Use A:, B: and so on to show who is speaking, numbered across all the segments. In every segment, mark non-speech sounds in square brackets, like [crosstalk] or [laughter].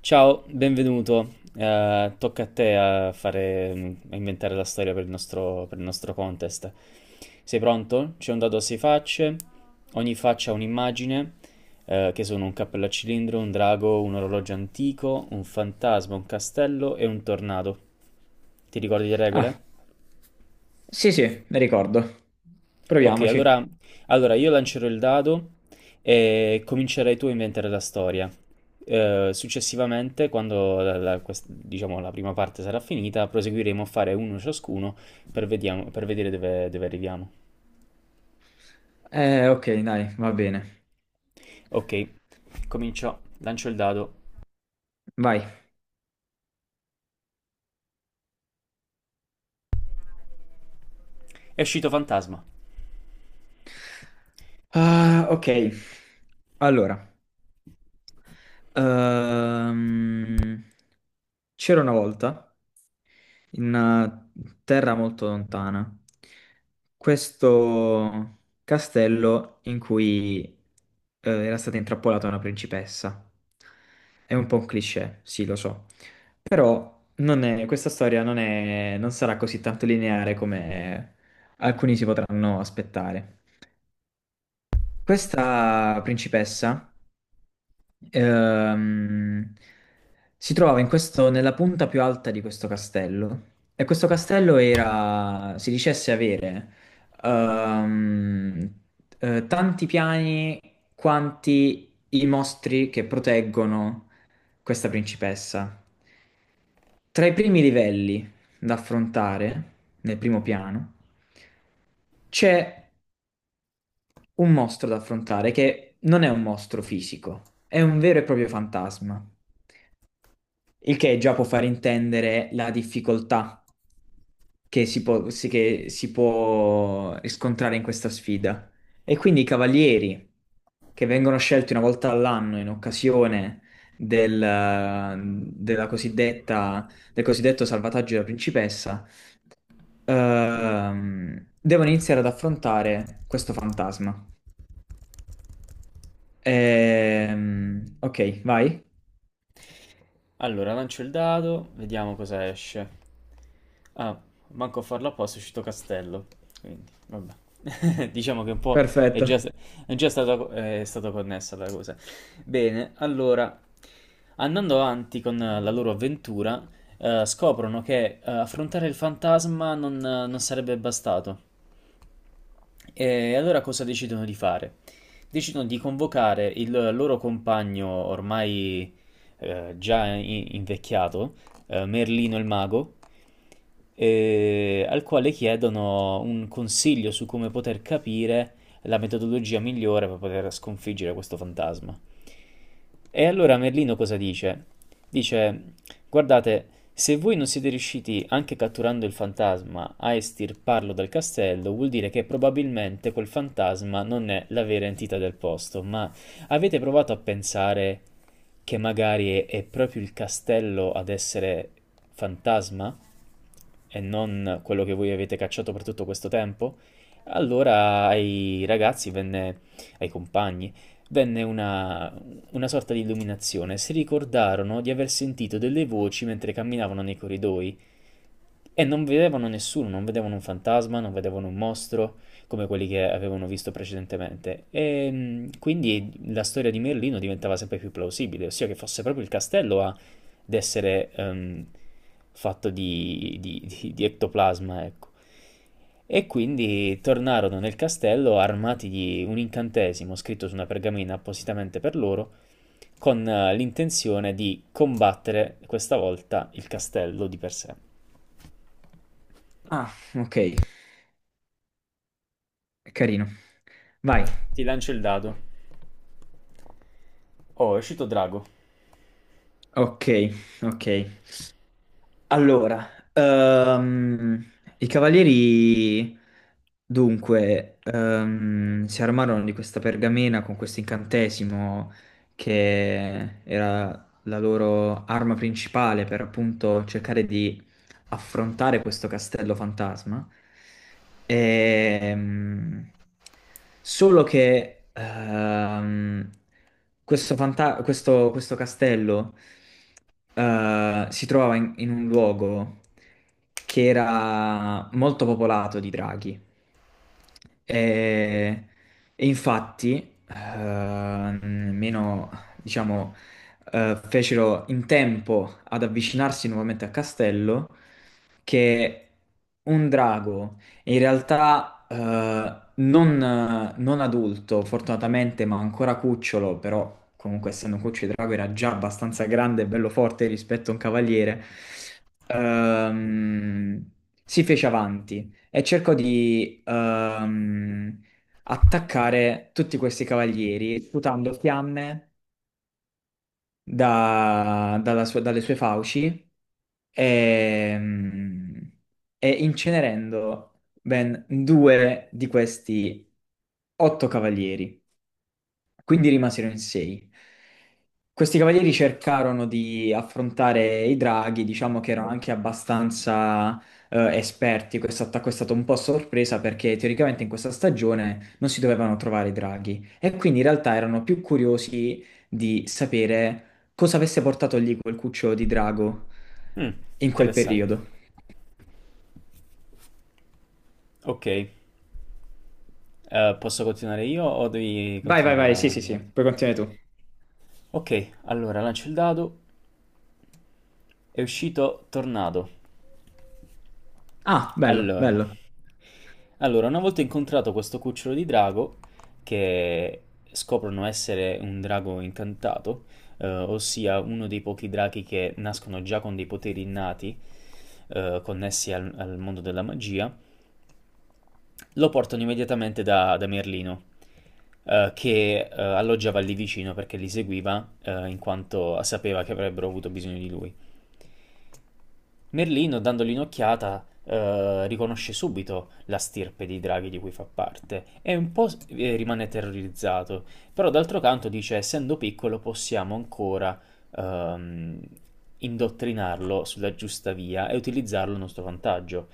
A: Ciao, benvenuto. Tocca a te a inventare la storia per il nostro contest. Sei pronto? C'è un dado a sei facce, ogni faccia ha un'immagine, che sono un cappello a cilindro, un drago, un orologio antico, un fantasma, un castello e un tornado. Ti ricordi le
B: Ah,
A: regole?
B: sì, sì, ne ricordo.
A: Ok,
B: Proviamoci.
A: allora io lancerò il dado e comincerai tu a inventare la storia. Successivamente, quando diciamo, la prima parte sarà finita, proseguiremo a fare uno ciascuno per vedere dove arriviamo.
B: Ok, dai, va bene.
A: Ok, comincio, lancio il dado.
B: Vai.
A: È uscito fantasma.
B: Ah, ok. Allora, ehm, c'era una volta in una terra molto lontana questo castello in cui era stata intrappolata una principessa. È un po' un cliché, sì, lo so. Però non è- questa storia non sarà così tanto lineare come alcuni si potranno aspettare. Questa principessa ehm, si trovava in nella punta più alta di questo castello e questo castello era, si dicesse avere, ehm, tanti piani quanti i mostri che proteggono questa principessa. Tra i primi livelli da affrontare, nel primo piano, c'è un mostro da affrontare che non è un mostro fisico, è un vero e proprio fantasma, il che già può far intendere la difficoltà che che si può riscontrare in questa sfida. E quindi i cavalieri che vengono scelti una volta all'anno in occasione del, della cosiddetta, del cosiddetto salvataggio della principessa, devono iniziare ad affrontare questo fantasma.
A: Ok.
B: Ok, vai.
A: Allora, lancio il dado, vediamo cosa esce. Ah, manco a farlo apposta, è uscito castello. Quindi, vabbè. [laughs] Diciamo che un po' è
B: Perfetto.
A: già, è stata connessa la cosa. Bene, allora, andando avanti con la loro avventura, scoprono che affrontare il fantasma non sarebbe bastato. E allora cosa decidono di fare? Decidono di convocare il loro compagno ormai già invecchiato, Merlino il mago, al quale chiedono un consiglio su come poter capire la metodologia migliore per poter sconfiggere questo fantasma. E allora Merlino cosa dice? Dice, guardate, se voi non siete riusciti, anche catturando il fantasma, a estirparlo dal castello, vuol dire che probabilmente quel fantasma non è la vera entità del posto, ma avete provato a pensare che magari è proprio il castello ad essere fantasma e non quello che voi avete cacciato per tutto questo tempo? Allora ai ragazzi venne, ai compagni, venne una sorta di illuminazione, si ricordarono di aver sentito delle voci mentre camminavano nei corridoi e non vedevano nessuno, non vedevano un fantasma, non vedevano un mostro come quelli che avevano visto precedentemente. E quindi la storia di Merlino diventava sempre più plausibile, ossia che fosse proprio il castello ad essere fatto di ectoplasma, ecco. E quindi tornarono nel castello armati di un incantesimo scritto su una pergamena appositamente per loro con l'intenzione di combattere questa volta il castello di per sé.
B: Ah, ok, carino. Vai.
A: Ti lancio il dado. Oh, è uscito drago.
B: Ok, ok. Allora, ehm, i cavalieri dunque, si armarono di questa pergamena con questo incantesimo che era la loro arma principale per appunto cercare di affrontare questo castello fantasma. Ehm, solo che, questo, questo castello si trovava in, in un luogo che era molto popolato di draghi. E, e infatti, eh, nemmeno, diciamo, fecero in tempo ad avvicinarsi nuovamente al castello che un drago, in realtà non adulto, fortunatamente, ma ancora cucciolo, però comunque essendo un cucciolo di drago era già abbastanza grande e bello forte rispetto a un cavaliere, ehm, si fece avanti e cercò di attaccare tutti questi cavalieri, sputando fiamme dalle sue fauci e, mm, e incenerendo ben due di questi otto cavalieri. Quindi rimasero in sei. Questi cavalieri cercarono di affrontare i draghi, diciamo che erano anche abbastanza esperti. Questo attacco è stato un po' a sorpresa perché teoricamente in questa stagione non si dovevano trovare i draghi e quindi in realtà erano più curiosi di sapere cosa avesse portato lì quel cucciolo di drago
A: Mm,
B: in quel
A: interessante.
B: periodo.
A: Ok, posso continuare io o devi
B: Vai, vai,
A: continuare
B: vai, sì,
A: la
B: sì, sì,
A: guardia?
B: puoi continuare tu.
A: Ok, allora lancio il dado. È uscito tornado.
B: Ah, bello,
A: Allora,
B: bello.
A: Allora, una volta incontrato questo cucciolo di drago, che scoprono essere un drago incantato, ossia uno dei pochi draghi che nascono già con dei poteri innati, connessi al mondo della magia, lo portano immediatamente da Merlino, che alloggiava lì vicino perché li seguiva, in quanto sapeva che avrebbero avuto bisogno di lui. Merlino, dandogli un'occhiata, riconosce subito la stirpe dei draghi di cui fa parte e un po' rimane terrorizzato, però d'altro canto dice, essendo piccolo possiamo ancora ehm, indottrinarlo sulla giusta via e utilizzarlo a nostro vantaggio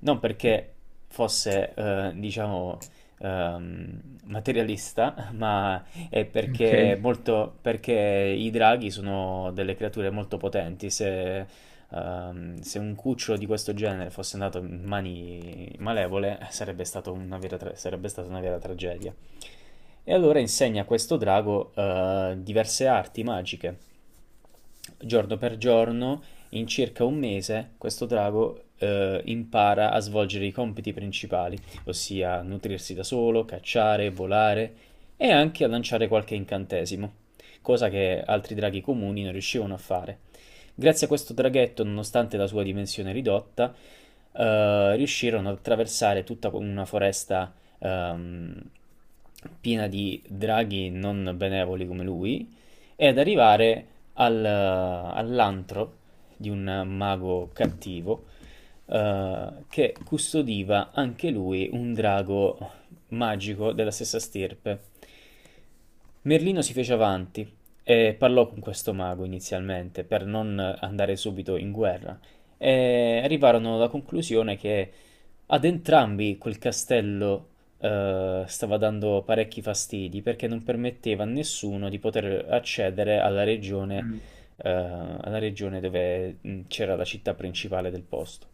A: non perché fosse, diciamo, materialista, [laughs] ma è
B: Ok.
A: perché i draghi sono delle creature molto potenti. Se un cucciolo di questo genere fosse andato in mani malevole, sarebbe stata una vera tragedia. E allora insegna a questo drago diverse arti magiche giorno per giorno, in circa un mese, questo drago impara a svolgere i compiti principali, ossia nutrirsi da solo, cacciare, volare e anche a lanciare qualche incantesimo, cosa che altri draghi comuni non riuscivano a fare. Grazie a questo draghetto, nonostante la sua dimensione ridotta, riuscirono ad attraversare tutta una foresta ehm, piena di draghi non benevoli come lui ed arrivare all'antro di un mago cattivo che custodiva anche lui un drago magico della stessa stirpe. Merlino si fece avanti e parlò con questo mago inizialmente per non andare subito in guerra e arrivarono alla conclusione che ad entrambi quel castello stava dando parecchi fastidi perché non permetteva a nessuno di poter accedere alla regione,
B: Mm.
A: alla regione dove c'era la città principale del posto.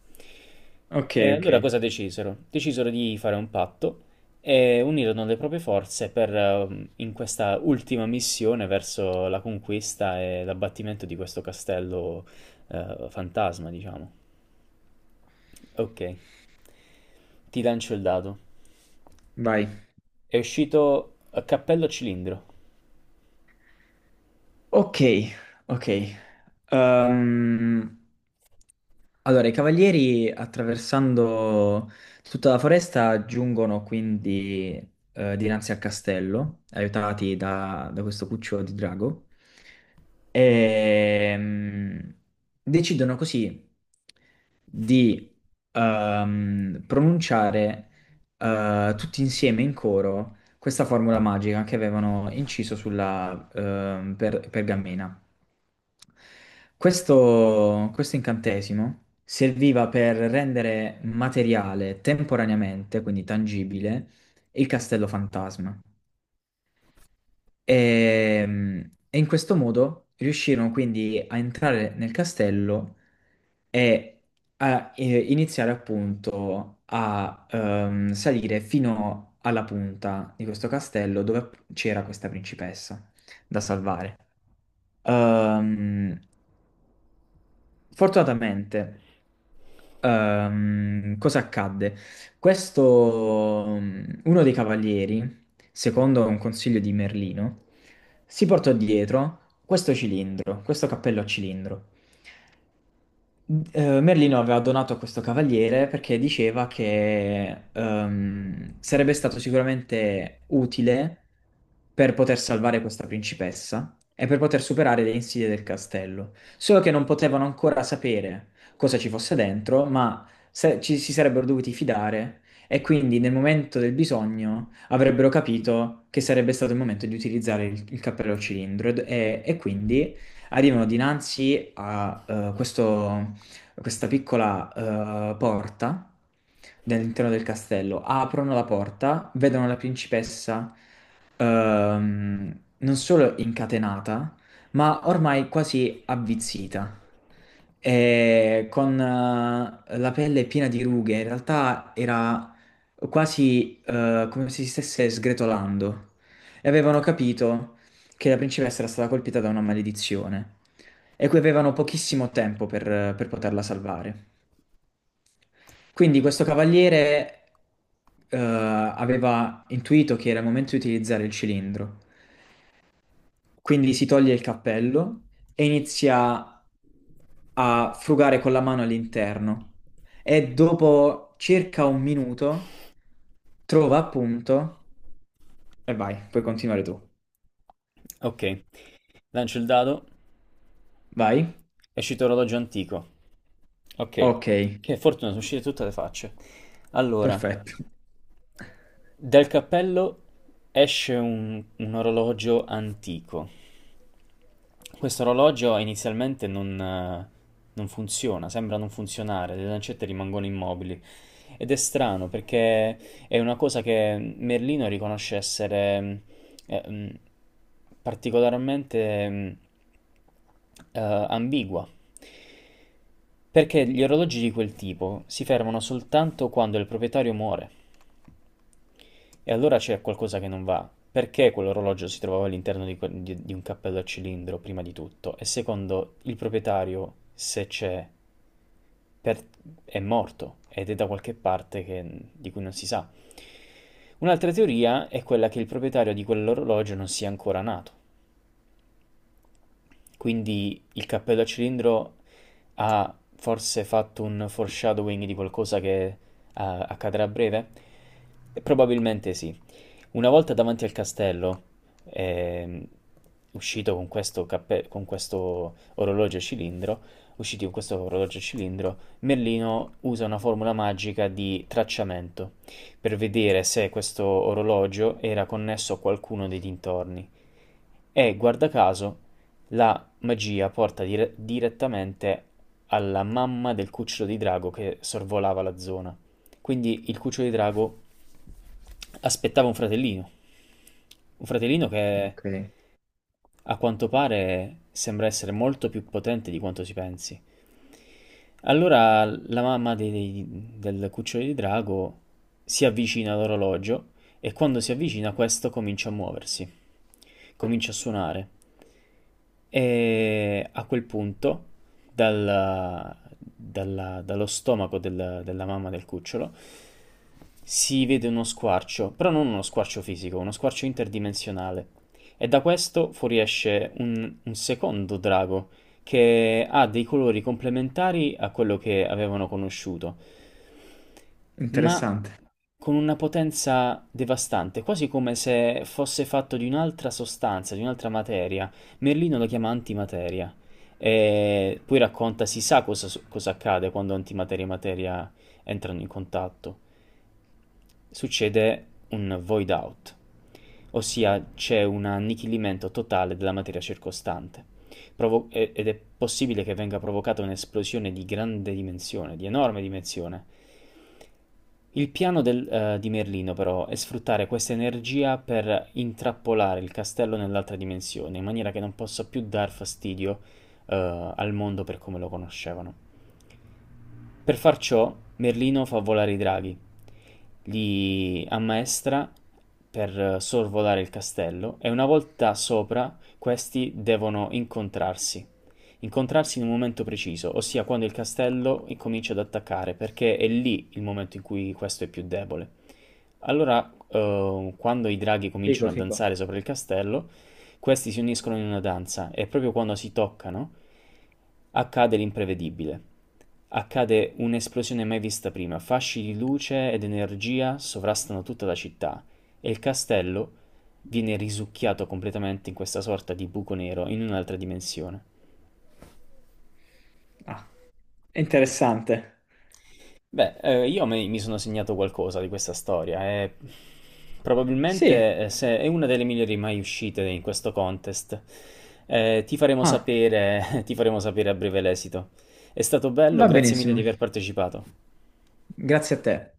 B: Ok,
A: E
B: ok,
A: allora cosa decisero? Decisero di fare un patto e unirono le proprie forze in questa ultima missione verso la conquista e l'abbattimento di questo castello, fantasma, diciamo. Ok, ti lancio il dado.
B: vai.
A: È uscito a cappello a cilindro.
B: Ok, ok. Ehm, allora, i cavalieri attraversando tutta la foresta giungono quindi dinanzi al castello, aiutati da, da questo cucciolo di drago, e mm, decidono così di pronunciare tutti insieme in coro questa formula magica che avevano inciso sulla, pergamena. Questo incantesimo serviva per rendere materiale temporaneamente, quindi tangibile, il castello fantasma. E, e in questo modo riuscirono quindi a entrare nel castello e a iniziare appunto a salire fino alla punta di questo castello dove c'era questa principessa da salvare. Ehm, fortunatamente. Cosa accadde? Questo, mm, uno dei cavalieri, secondo un consiglio di Merlino, si portò dietro questo cilindro, questo cappello a cilindro. Merlino aveva donato a questo cavaliere perché diceva che, sarebbe stato sicuramente utile per poter salvare questa principessa e per poter superare le insidie del castello. Solo che non potevano ancora sapere cosa ci fosse dentro, ma ci si sarebbero dovuti fidare e quindi nel momento del bisogno avrebbero capito che sarebbe stato il momento di utilizzare il cappello cilindro e quindi arrivano dinanzi a questo, questa piccola porta all'interno del castello. Aprono la porta, vedono la principessa, non solo incatenata, ma ormai quasi avvizzita. E con, la pelle piena di rughe, in realtà era quasi come se si stesse sgretolando. E avevano capito che la principessa era stata colpita da una maledizione e cui avevano pochissimo tempo per poterla salvare. Quindi questo cavaliere aveva intuito che era il momento di utilizzare il cilindro, quindi si toglie il cappello e inizia a frugare con la mano all'interno e dopo circa un minuto trova appunto e vai, puoi continuare tu.
A: Ok, lancio il dado,
B: Vai?
A: è uscito orologio antico. Ok,
B: Ok,
A: che fortuna, sono uscite tutte le facce. Allora,
B: perfetto. [laughs]
A: dal cappello esce un orologio antico. Questo orologio inizialmente non funziona, sembra non funzionare, le lancette rimangono immobili. Ed è strano perché è una cosa che Merlino riconosce essere eh, mh, particolarmente eh, ambigua. Perché gli orologi di quel tipo si fermano soltanto quando il proprietario muore. E allora c'è qualcosa che non va. Perché quell'orologio si trovava all'interno di un cappello a cilindro, prima di tutto? E secondo, il proprietario, se c'è, per- è morto ed è da qualche parte di cui non si sa. Un'altra teoria è quella che il proprietario di quell'orologio non sia ancora nato. Quindi il cappello a cilindro ha forse fatto un foreshadowing di qualcosa che accadrà a breve? Probabilmente sì. Una volta davanti al castello, ehm, uscito con con questo orologio a cilindro, usciti con questo orologio a cilindro, Merlino usa una formula magica di tracciamento per vedere se questo orologio era connesso a qualcuno dei dintorni. E guarda caso, la magia porta direttamente alla mamma del cucciolo di drago che sorvolava la zona. Quindi il cucciolo di drago aspettava un fratellino. Un fratellino che
B: Ok,
A: a quanto pare sembra essere molto più potente di quanto si pensi. Allora la mamma del cucciolo di drago si avvicina all'orologio e quando si avvicina questo comincia a muoversi comincia a suonare. E a quel punto, dallo stomaco della mamma del cucciolo, si vede uno squarcio, però non uno squarcio fisico, uno squarcio interdimensionale. E da questo fuoriesce un secondo drago che ha dei colori complementari a quello che avevano conosciuto, ma
B: interessante.
A: con una potenza devastante, quasi come se fosse fatto di un'altra sostanza, di un'altra materia. Merlino lo chiama antimateria. E poi racconta, si sa cosa accade quando antimateria e materia entrano in contatto. Succede un void out, ossia c'è un annichilimento totale della materia circostante. Ed è possibile che venga provocata un'esplosione di grande dimensione, di enorme dimensione, il piano di Merlino, però, è sfruttare questa energia per intrappolare il castello nell'altra dimensione, in maniera che non possa più dar fastidio, al mondo per come lo conoscevano. Per far ciò, Merlino fa volare i draghi, li ammaestra per sorvolare il castello e una volta sopra questi devono incontrarsi. Incontrarsi in un momento preciso, ossia quando il castello incomincia ad attaccare, perché è lì il momento in cui questo è più debole. Allora, quando i draghi
B: Fico,
A: cominciano a
B: fico.
A: danzare sopra il castello, questi si uniscono in una danza e proprio quando si toccano accade l'imprevedibile. Accade un'esplosione mai vista prima, fasci di luce ed energia sovrastano tutta la città e il castello viene risucchiato completamente in questa sorta di buco nero in un'altra dimensione.
B: Ah, interessante.
A: Beh, io mi sono segnato qualcosa di questa storia e
B: Sì,
A: probabilmente se è una delle migliori mai uscite in questo contest. Ti faremo
B: ah,
A: sapere, [laughs] ti faremo sapere a breve l'esito. È stato bello,
B: va
A: grazie mille di
B: benissimo.
A: aver partecipato.
B: Grazie a te.